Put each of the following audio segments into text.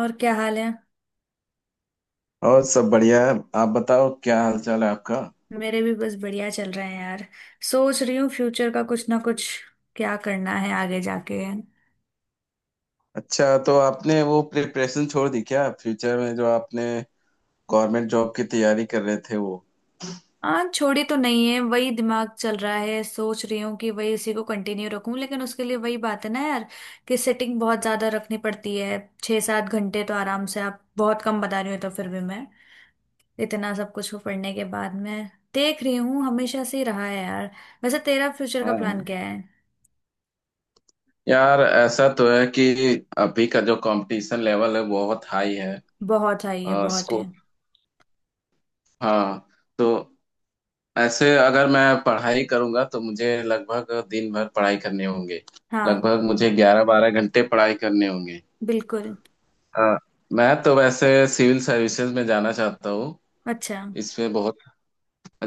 और क्या हाल है। और सब बढ़िया है। आप बताओ क्या हाल चाल है आपका? मेरे भी बस बढ़िया चल रहे हैं यार। सोच रही हूँ फ्यूचर का कुछ ना कुछ, क्या करना है आगे जाके। अच्छा, तो आपने वो प्रिपरेशन छोड़ दी क्या, फ्यूचर में जो आपने गवर्नमेंट जॉब की तैयारी कर रहे थे वो? हाँ, छोड़ी तो नहीं है, वही दिमाग चल रहा है। सोच रही हूँ कि वही इसी को कंटिन्यू रखूं, लेकिन उसके लिए वही बात है ना यार, कि सेटिंग बहुत ज्यादा रखनी पड़ती है। छः सात घंटे तो आराम से, आप बहुत कम बता रही हो तो फिर भी मैं इतना सब कुछ को पढ़ने के बाद मैं देख रही हूँ, हमेशा से ही रहा है यार। वैसे तेरा फ्यूचर का हाँ प्लान हाँ। क्या है? यार, ऐसा तो है कि अभी का जो कंपटीशन लेवल है बहुत हाई है। बहुत हाई है, बहुत है। स्कोप। हाँ, तो ऐसे अगर मैं पढ़ाई करूंगा तो मुझे लगभग दिन भर पढ़ाई करने होंगे। हाँ, लगभग मुझे 11-12 घंटे पढ़ाई करने होंगे। बिल्कुल। हाँ, मैं तो वैसे सिविल सर्विसेज में जाना चाहता हूँ। अच्छा। इसमें बहुत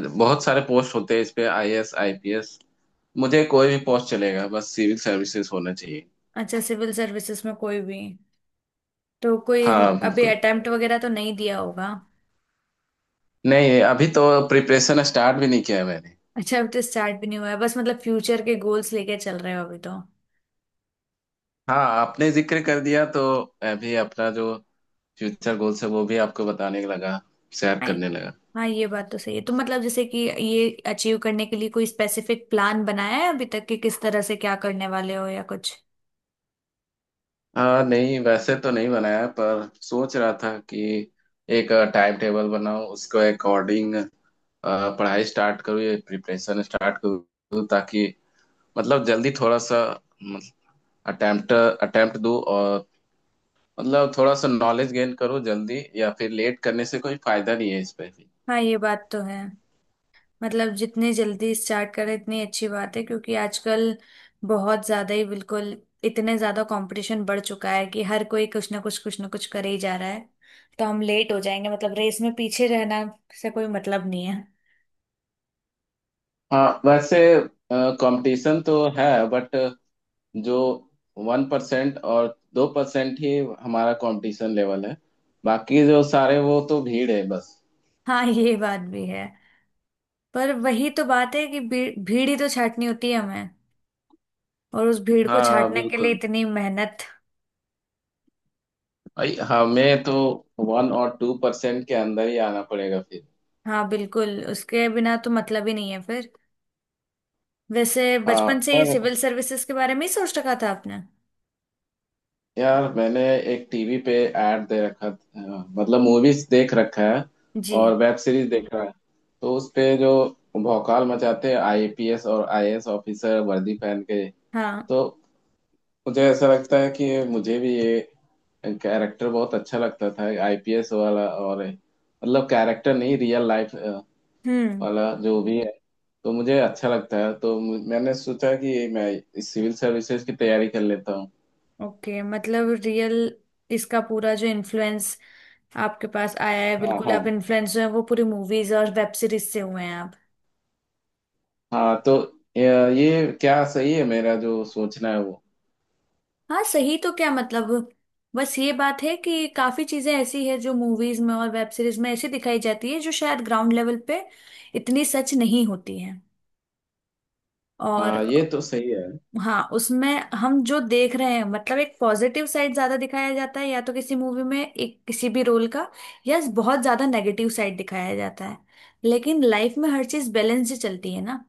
बहुत सारे पोस्ट होते हैं इस पे, आईएएस, आईपीएस। मुझे कोई भी पोस्ट चलेगा, बस सिविल सर्विसेज होना चाहिए। अच्छा, सिविल सर्विसेज में कोई भी तो कोई हाँ, अभी बिल्कुल। अटेम्प्ट वगैरह तो नहीं दिया होगा। नहीं, अभी तो प्रिपरेशन स्टार्ट भी नहीं किया है मैंने। अच्छा, अब तो स्टार्ट भी नहीं हुआ है, बस मतलब फ्यूचर के गोल्स लेके चल रहे हो अभी तो। हाँ, आपने जिक्र कर दिया तो मैं भी अपना जो फ्यूचर गोल्स है वो भी आपको बताने लगा, शेयर हाँ करने लगा। हाँ, ये बात तो सही है। तो मतलब जैसे कि ये अचीव करने के लिए कोई स्पेसिफिक प्लान बनाया है अभी तक कि किस तरह से क्या करने वाले हो या कुछ? हाँ, नहीं वैसे तो नहीं बनाया, पर सोच रहा था कि एक टाइम टेबल बनाऊं, उसको अकॉर्डिंग पढ़ाई स्टार्ट करूँ या प्रिपरेशन स्टार्ट करूँ, ताकि मतलब जल्दी थोड़ा सा अटेम्प्ट अटेम्प्ट दो, और मतलब थोड़ा सा नॉलेज गेन करो जल्दी, या फिर लेट करने से कोई फायदा नहीं है इस पे भी। हाँ, ये बात तो है। मतलब जितने जल्दी स्टार्ट करें इतनी अच्छी बात है, क्योंकि आजकल बहुत ज़्यादा ही, बिल्कुल इतने ज़्यादा कंपटीशन बढ़ चुका है कि हर कोई कुछ ना कुछ करे ही जा रहा है। तो हम लेट हो जाएंगे, मतलब रेस में पीछे रहना से कोई मतलब नहीं है। हाँ, वैसे कंपटीशन तो है बट जो 1% और 2% ही हमारा कंपटीशन लेवल है, बाकी जो सारे वो तो भीड़ है बस। हाँ, ये बात भी है। पर वही तो बात है कि भीड़ ही तो छाटनी होती है हमें, और उस भीड़ को हाँ, छाटने के लिए बिल्कुल। इतनी मेहनत। भाई, हमें तो 1 और 2% के अंदर ही आना पड़ेगा फिर। हाँ बिल्कुल, उसके बिना तो मतलब ही नहीं है फिर। वैसे हाँ, बचपन से ये पर सिविल सर्विसेज के बारे में ही सोच रखा था आपने? यार मैंने एक टीवी पे ऐड दे रखा था, मतलब मूवीज देख रखा है और जी। वेब सीरीज देख रहा है। तो उस पे जो भौकाल मचाते हैं आईपीएस और आईएएस ऑफिसर वर्दी पहन के, हाँ। तो मुझे ऐसा लगता है कि मुझे भी ये कैरेक्टर बहुत अच्छा लगता था, आईपीएस वाला, और मतलब कैरेक्टर नहीं, रियल लाइफ हम्म। वाला जो भी है। तो मुझे अच्छा लगता है, तो मैंने सोचा कि मैं इस सिविल सर्विसेज की तैयारी कर लेता हूँ। ओके, मतलब रियल, इसका पूरा जो इन्फ्लुएंस आपके पास आया है, हाँ बिल्कुल हाँ आप इन्फ्लुएंस जो है वो पूरी मूवीज और वेब सीरीज से हुए हैं आप। हाँ। तो ये ये क्या सही है, मेरा जो सोचना है वो? हाँ सही, तो क्या मतलब, बस ये बात है कि काफी चीजें ऐसी है जो मूवीज में और वेब सीरीज में ऐसी दिखाई जाती है जो शायद ग्राउंड लेवल पे इतनी सच नहीं होती है। हाँ, ये और तो सही है। हाँ उसमें, हम जो देख रहे हैं मतलब एक पॉजिटिव साइड ज्यादा दिखाया जाता है या तो किसी मूवी में एक किसी भी रोल का, या बहुत ज्यादा नेगेटिव साइड दिखाया जाता है। लेकिन लाइफ में हर चीज बैलेंस से चलती है ना।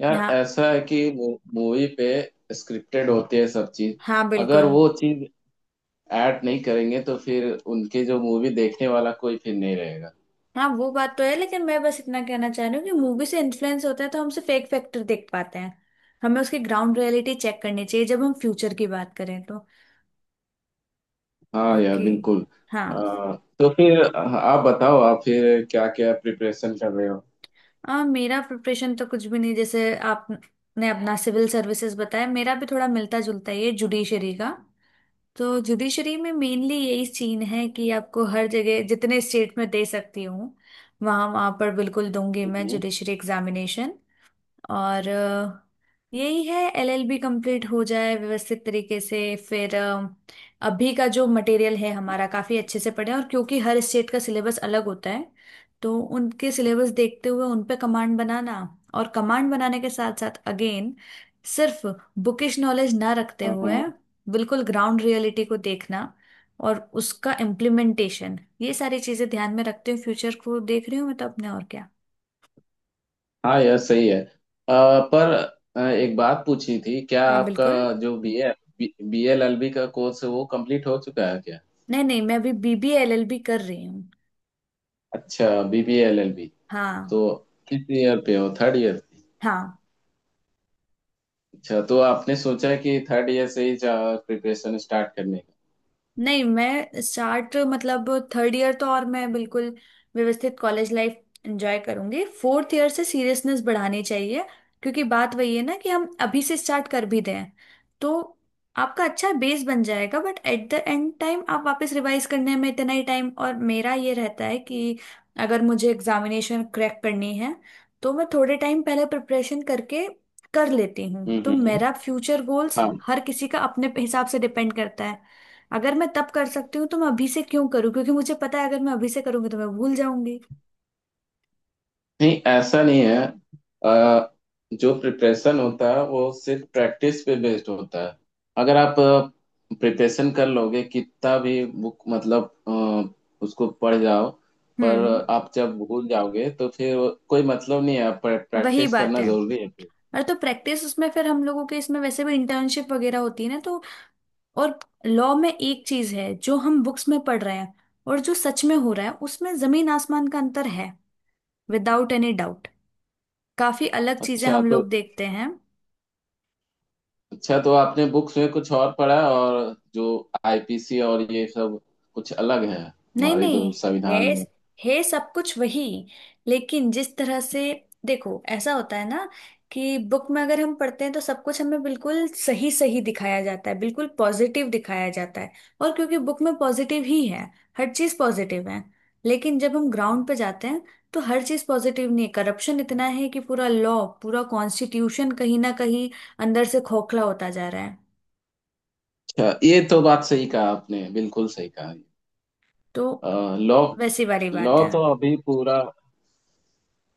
यार, यहाँ। ऐसा है कि मूवी पे स्क्रिप्टेड होती है सब चीज। हाँ अगर बिल्कुल। वो चीज ऐड नहीं करेंगे तो फिर उनके जो मूवी देखने वाला कोई फिर नहीं रहेगा। हाँ वो बात तो है, लेकिन मैं बस इतना कहना चाह रही हूँ कि मूवी से इन्फ्लुएंस होता है तो हम सिर्फ एक फैक्टर देख पाते हैं। हमें उसकी ग्राउंड रियलिटी चेक करनी चाहिए जब हम फ्यूचर की बात करें तो। हाँ यार क्योंकि बिल्कुल। हाँ, तो फिर आप बताओ, आप फिर क्या क्या प्रिपरेशन कर रहे हो? मेरा प्रिपरेशन तो कुछ भी नहीं। जैसे आपने अपना सिविल सर्विसेज बताया, मेरा भी थोड़ा मिलता जुलता ही है, जुडिशरी का। तो जुडिशरी में मेनली यही सीन है कि आपको हर जगह, जितने स्टेट में दे सकती हूँ वहाँ वहाँ पर बिल्कुल दूंगी मैं हम्म। Judiciary examination. और यही है, एलएलबी कंप्लीट हो जाए व्यवस्थित तरीके से। फिर अभी का जो मटेरियल है हमारा काफ़ी अच्छे से पढ़े, और क्योंकि हर स्टेट का सिलेबस अलग होता है, तो उनके सिलेबस देखते हुए उन पे कमांड बनाना। और कमांड बनाने के साथ साथ अगेन, सिर्फ बुकिश नॉलेज ना रखते हाँ हुए हाँ। बिल्कुल ग्राउंड रियलिटी को देखना, और उसका इम्प्लीमेंटेशन, ये सारी चीज़ें ध्यान में रखते हुए फ्यूचर को देख रही हूँ मैं तो अपने। और क्या? हाँ यार सही है। पर एक बात पूछी थी क्या हाँ आपका, बिल्कुल। जो B A B L L B का कोर्स है वो कंप्लीट हो चुका है क्या? नहीं नहीं, मैं अभी बीबीए एलएलबी कर रही हूँ। अच्छा, B B L L B. हाँ। तो किस ईयर पे हो, थर्ड ईयर? हाँ। अच्छा, तो आपने सोचा कि थर्ड ईयर से ही प्रिपरेशन स्टार्ट करने का? नहीं, मैं स्टार्ट मतलब, थर्ड ईयर तो और मैं बिल्कुल व्यवस्थित कॉलेज लाइफ एंजॉय करूंगी, फोर्थ ईयर से सीरियसनेस बढ़ानी चाहिए। क्योंकि बात वही है ना कि हम अभी से स्टार्ट कर भी दें तो आपका अच्छा बेस बन जाएगा, but at the end time आप वापस रिवाइज करने में इतना ही टाइम। और मेरा ये रहता है कि अगर मुझे एग्जामिनेशन क्रैक करनी है तो मैं थोड़े टाइम पहले प्रिपरेशन करके कर लेती हूँ, तो हम्म मेरा फ्यूचर गोल्स हम्म। हर किसी का अपने हिसाब से डिपेंड करता है। अगर मैं तब कर सकती हूँ तो मैं अभी से क्यों करूँ, क्योंकि मुझे पता है अगर मैं अभी से करूंगी तो मैं भूल जाऊंगी। नहीं, ऐसा नहीं है। अ, जो प्रिपरेशन होता है वो सिर्फ प्रैक्टिस पे बेस्ड होता है। अगर आप प्रिपरेशन कर लोगे, कितना भी बुक मतलब उसको पढ़ जाओ, पर हम्म। आप जब भूल जाओगे तो फिर कोई मतलब नहीं है, वही प्रैक्टिस बात करना है। जरूरी है फिर। अरे तो प्रैक्टिस उसमें फिर हम लोगों के, इसमें वैसे भी इंटर्नशिप वगैरह होती है ना तो। और लॉ में एक चीज है, जो हम बुक्स में पढ़ रहे हैं और जो सच में हो रहा है उसमें जमीन आसमान का अंतर है। विदाउट एनी डाउट, काफी अलग चीजें अच्छा हम तो लोग देखते हैं। अच्छा, तो आपने बुक्स में कुछ और पढ़ा, और जो आईपीसी और ये सब कुछ अलग है नहीं हमारे नहीं, जो है। संविधान में? है सब कुछ वही, लेकिन जिस तरह से, देखो ऐसा होता है ना, कि बुक में अगर हम पढ़ते हैं तो सब कुछ हमें बिल्कुल सही सही दिखाया जाता है, बिल्कुल पॉजिटिव दिखाया जाता है। और क्योंकि बुक में पॉजिटिव ही है, हर चीज पॉजिटिव है। लेकिन जब हम ग्राउंड पे जाते हैं, तो हर चीज पॉजिटिव नहीं है। करप्शन इतना है कि पूरा लॉ, पूरा कॉन्स्टिट्यूशन कहीं ना कहीं अंदर से खोखला होता जा रहा है। अच्छा, ये तो बात सही कहा आपने, बिल्कुल सही कहा। तो लॉ वैसी वाली लॉ बात है। तो अभी पूरा,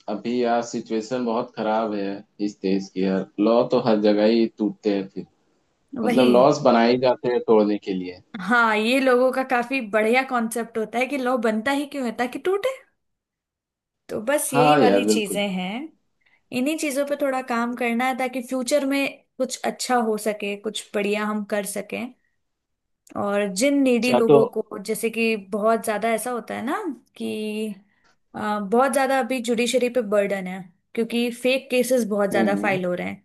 अभी यार सिचुएशन बहुत खराब है इस देश की। यार, लॉ तो हर जगह ही टूटते हैं फिर, वही, मतलब लॉस बनाए ही जाते हैं तोड़ने के लिए। हाँ, ये लोगों का काफी बढ़िया कॉन्सेप्ट होता है कि लौ बनता ही क्यों है ताकि टूटे। तो बस यही हाँ वाली यार बिल्कुल। चीजें हैं। इन्हीं चीजों पे थोड़ा काम करना है ताकि फ्यूचर में कुछ अच्छा हो सके, कुछ बढ़िया हम कर सकें। और जिन नीडी अच्छा तो। लोगों को, जैसे कि बहुत ज्यादा ऐसा होता है ना कि बहुत ज्यादा अभी जुडिशरी पे बर्डन है, क्योंकि फेक केसेस बहुत हम्म ज्यादा हम्म, फाइल हो रहे हैं।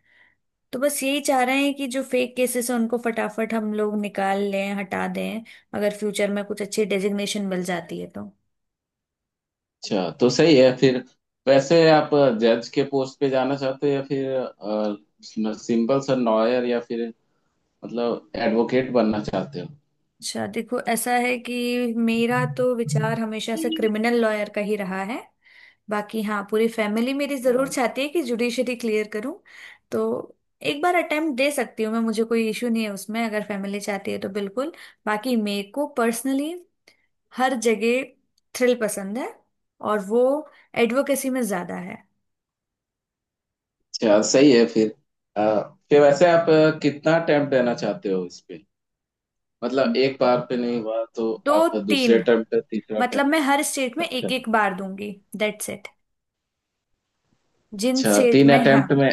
तो बस यही चाह रहे हैं कि जो फेक केसेस हैं उनको फटाफट हम लोग निकाल लें, हटा दें। अगर फ्यूचर में कुछ अच्छी डेजिग्नेशन मिल जाती है तो। अच्छा तो सही है फिर। वैसे आप जज के पोस्ट पे जाना चाहते हो या फिर सिंपल सा लॉयर, या फिर मतलब एडवोकेट बनना चाहते अच्छा देखो, ऐसा है कि मेरा तो विचार हमेशा से क्रिमिनल लॉयर का ही रहा है। बाकी हाँ, पूरी फैमिली मेरी जरूर हो? चाहती है कि जुडिशरी क्लियर करूं। तो एक बार अटेम्प्ट दे सकती हूँ मैं, मुझे कोई इशू नहीं है उसमें, अगर फैमिली चाहती है तो बिल्कुल। बाकी मेरे को पर्सनली हर जगह थ्रिल पसंद है, और वो एडवोकेसी में ज्यादा है। अच्छा, सही है फिर। अ, फिर वैसे आप कितना अटेम्प्ट देना चाहते हो इस पे? मतलब एक बार पे नहीं हुआ तो दो आप दूसरे तीन, अटेम्प्ट, तीसरा मतलब मैं अटेम्प्ट? हर स्टेट में अच्छा। एक एक बार दूंगी। That's it. जिन अच्छा स्टेट तीन में, हाँ। अटेम्प्ट में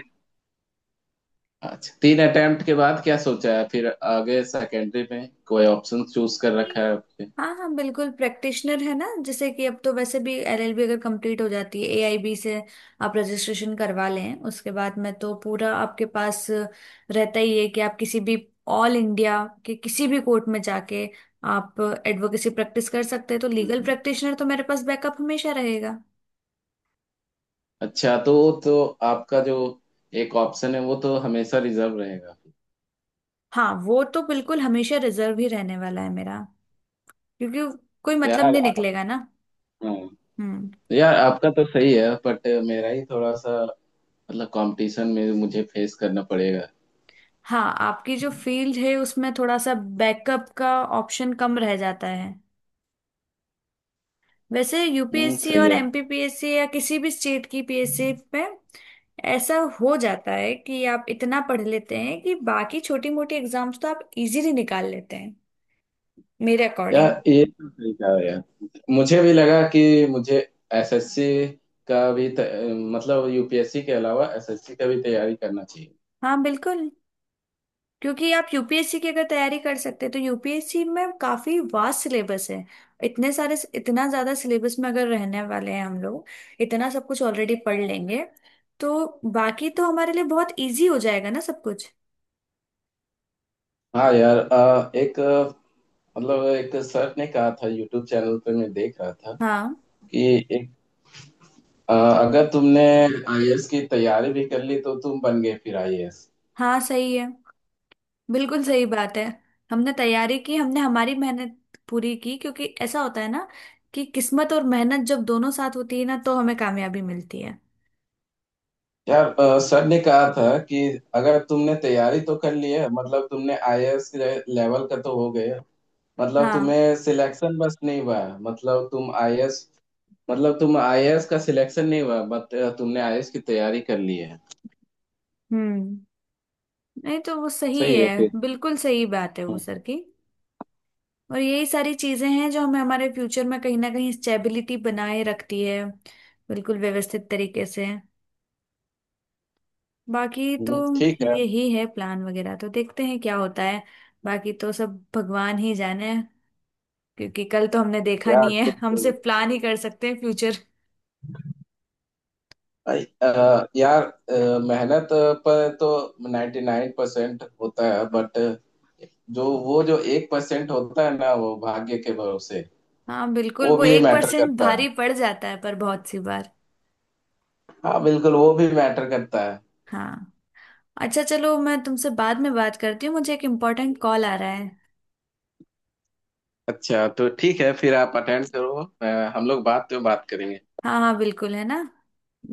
अच्छा, 3 अटेम्प्ट के बाद क्या सोचा है फिर? आगे सेकेंडरी में कोई ऑप्शन चूज कर रखा है आपने? हाँ हाँ बिल्कुल, प्रैक्टिशनर है ना। जैसे कि अब तो वैसे भी एलएलबी अगर कंप्लीट हो जाती है, एआईबी से आप रजिस्ट्रेशन करवा लें, उसके बाद में तो पूरा आपके पास रहता ही है कि आप किसी भी ऑल इंडिया के किसी भी कोर्ट में जाके आप एडवोकेसी प्रैक्टिस कर सकते हैं। तो लीगल हम्म। प्रैक्टिशनर तो मेरे पास बैकअप हमेशा रहेगा। अच्छा तो तो आपका जो एक ऑप्शन है वो तो हमेशा रिजर्व रहेगा। हाँ, वो तो बिल्कुल हमेशा रिजर्व ही रहने वाला है मेरा, क्योंकि कोई मतलब यार नहीं आ- निकलेगा ना। हाँ। हम्म। यार, आपका तो सही है बट मेरा ही थोड़ा सा, मतलब कंपटीशन में मुझे फेस करना पड़ेगा। हाँ, आपकी जो फील्ड है उसमें थोड़ा सा बैकअप का ऑप्शन कम रह जाता है। वैसे यूपीएससी सही और है। एमपीपीएससी या किसी भी स्टेट की पीएससी पे ऐसा हो जाता है कि आप इतना पढ़ लेते हैं कि बाकी छोटी मोटी एग्जाम्स तो आप इजीली निकाल लेते हैं, मेरे या अकॉर्डिंग। ये तो सही कहा यार। मुझे भी लगा कि मुझे एसएससी का भी मतलब यूपीएससी के अलावा एसएससी का भी तैयारी करना चाहिए। हाँ बिल्कुल, क्योंकि आप यूपीएससी की अगर तैयारी कर सकते हैं तो यूपीएससी में काफी वास्ट सिलेबस है। इतने सारे, इतना ज्यादा सिलेबस में अगर रहने वाले हैं हम लोग, इतना सब कुछ ऑलरेडी पढ़ लेंगे तो बाकी तो हमारे लिए बहुत इजी हो जाएगा ना सब कुछ। हाँ यार। एक मतलब एक सर ने कहा था, यूट्यूब चैनल पे मैं देख रहा था, हाँ। कि एक, अगर तुमने आईएएस की तैयारी भी कर ली तो तुम बन गए फिर आईएएस। हाँ सही है, बिल्कुल सही बात है। हमने तैयारी की, हमने हमारी मेहनत पूरी की, क्योंकि ऐसा होता है ना कि किस्मत और मेहनत जब दोनों साथ होती है ना तो हमें कामयाबी मिलती है। यार, सर ने कहा था कि अगर तुमने तैयारी तो कर ली है, मतलब तुमने आईएएस लेवल का तो हो गए। मतलब हाँ। तुम्हें सिलेक्शन बस नहीं हुआ है। मतलब तुम आईएएस का सिलेक्शन नहीं हुआ, बट तुमने आईएएस की तैयारी कर ली है। हम्म। नहीं तो वो सही सही है फिर। है, बिल्कुल सही बात है वो हम्म, सर की। और यही सारी चीजें हैं जो हमें हमारे फ्यूचर में कहीं ना कहीं स्टेबिलिटी बनाए रखती है, बिल्कुल व्यवस्थित तरीके से। बाकी तो ठीक है। यही है, प्लान वगैरह तो देखते हैं क्या होता है, बाकी तो सब भगवान ही जाने। क्योंकि कल तो हमने देखा यार नहीं है, हम बिल्कुल। सिर्फ प्लान ही कर सकते हैं फ्यूचर। अ- अ, यार मेहनत पर तो 99% होता है बट जो वो जो 1% होता है ना, वो भाग्य के भरोसे। हाँ बिल्कुल, वो वो भी एक मैटर परसेंट करता है। भारी पड़ जाता है पर बहुत सी बार। हाँ बिल्कुल, वो भी मैटर करता है। हाँ। अच्छा चलो, मैं तुमसे बाद में बात करती हूँ, मुझे एक इम्पोर्टेंट कॉल आ रहा है। अच्छा, तो ठीक है फिर, आप अटेंड करो। अ, हम लोग बात करेंगे। हाँ हाँ बिल्कुल, है ना।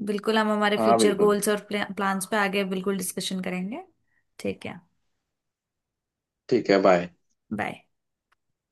बिल्कुल, हम हमारे हाँ फ्यूचर बिल्कुल। गोल्स और प्लान्स पे आगे बिल्कुल डिस्कशन करेंगे। ठीक है। ठीक है, बाय। बाय।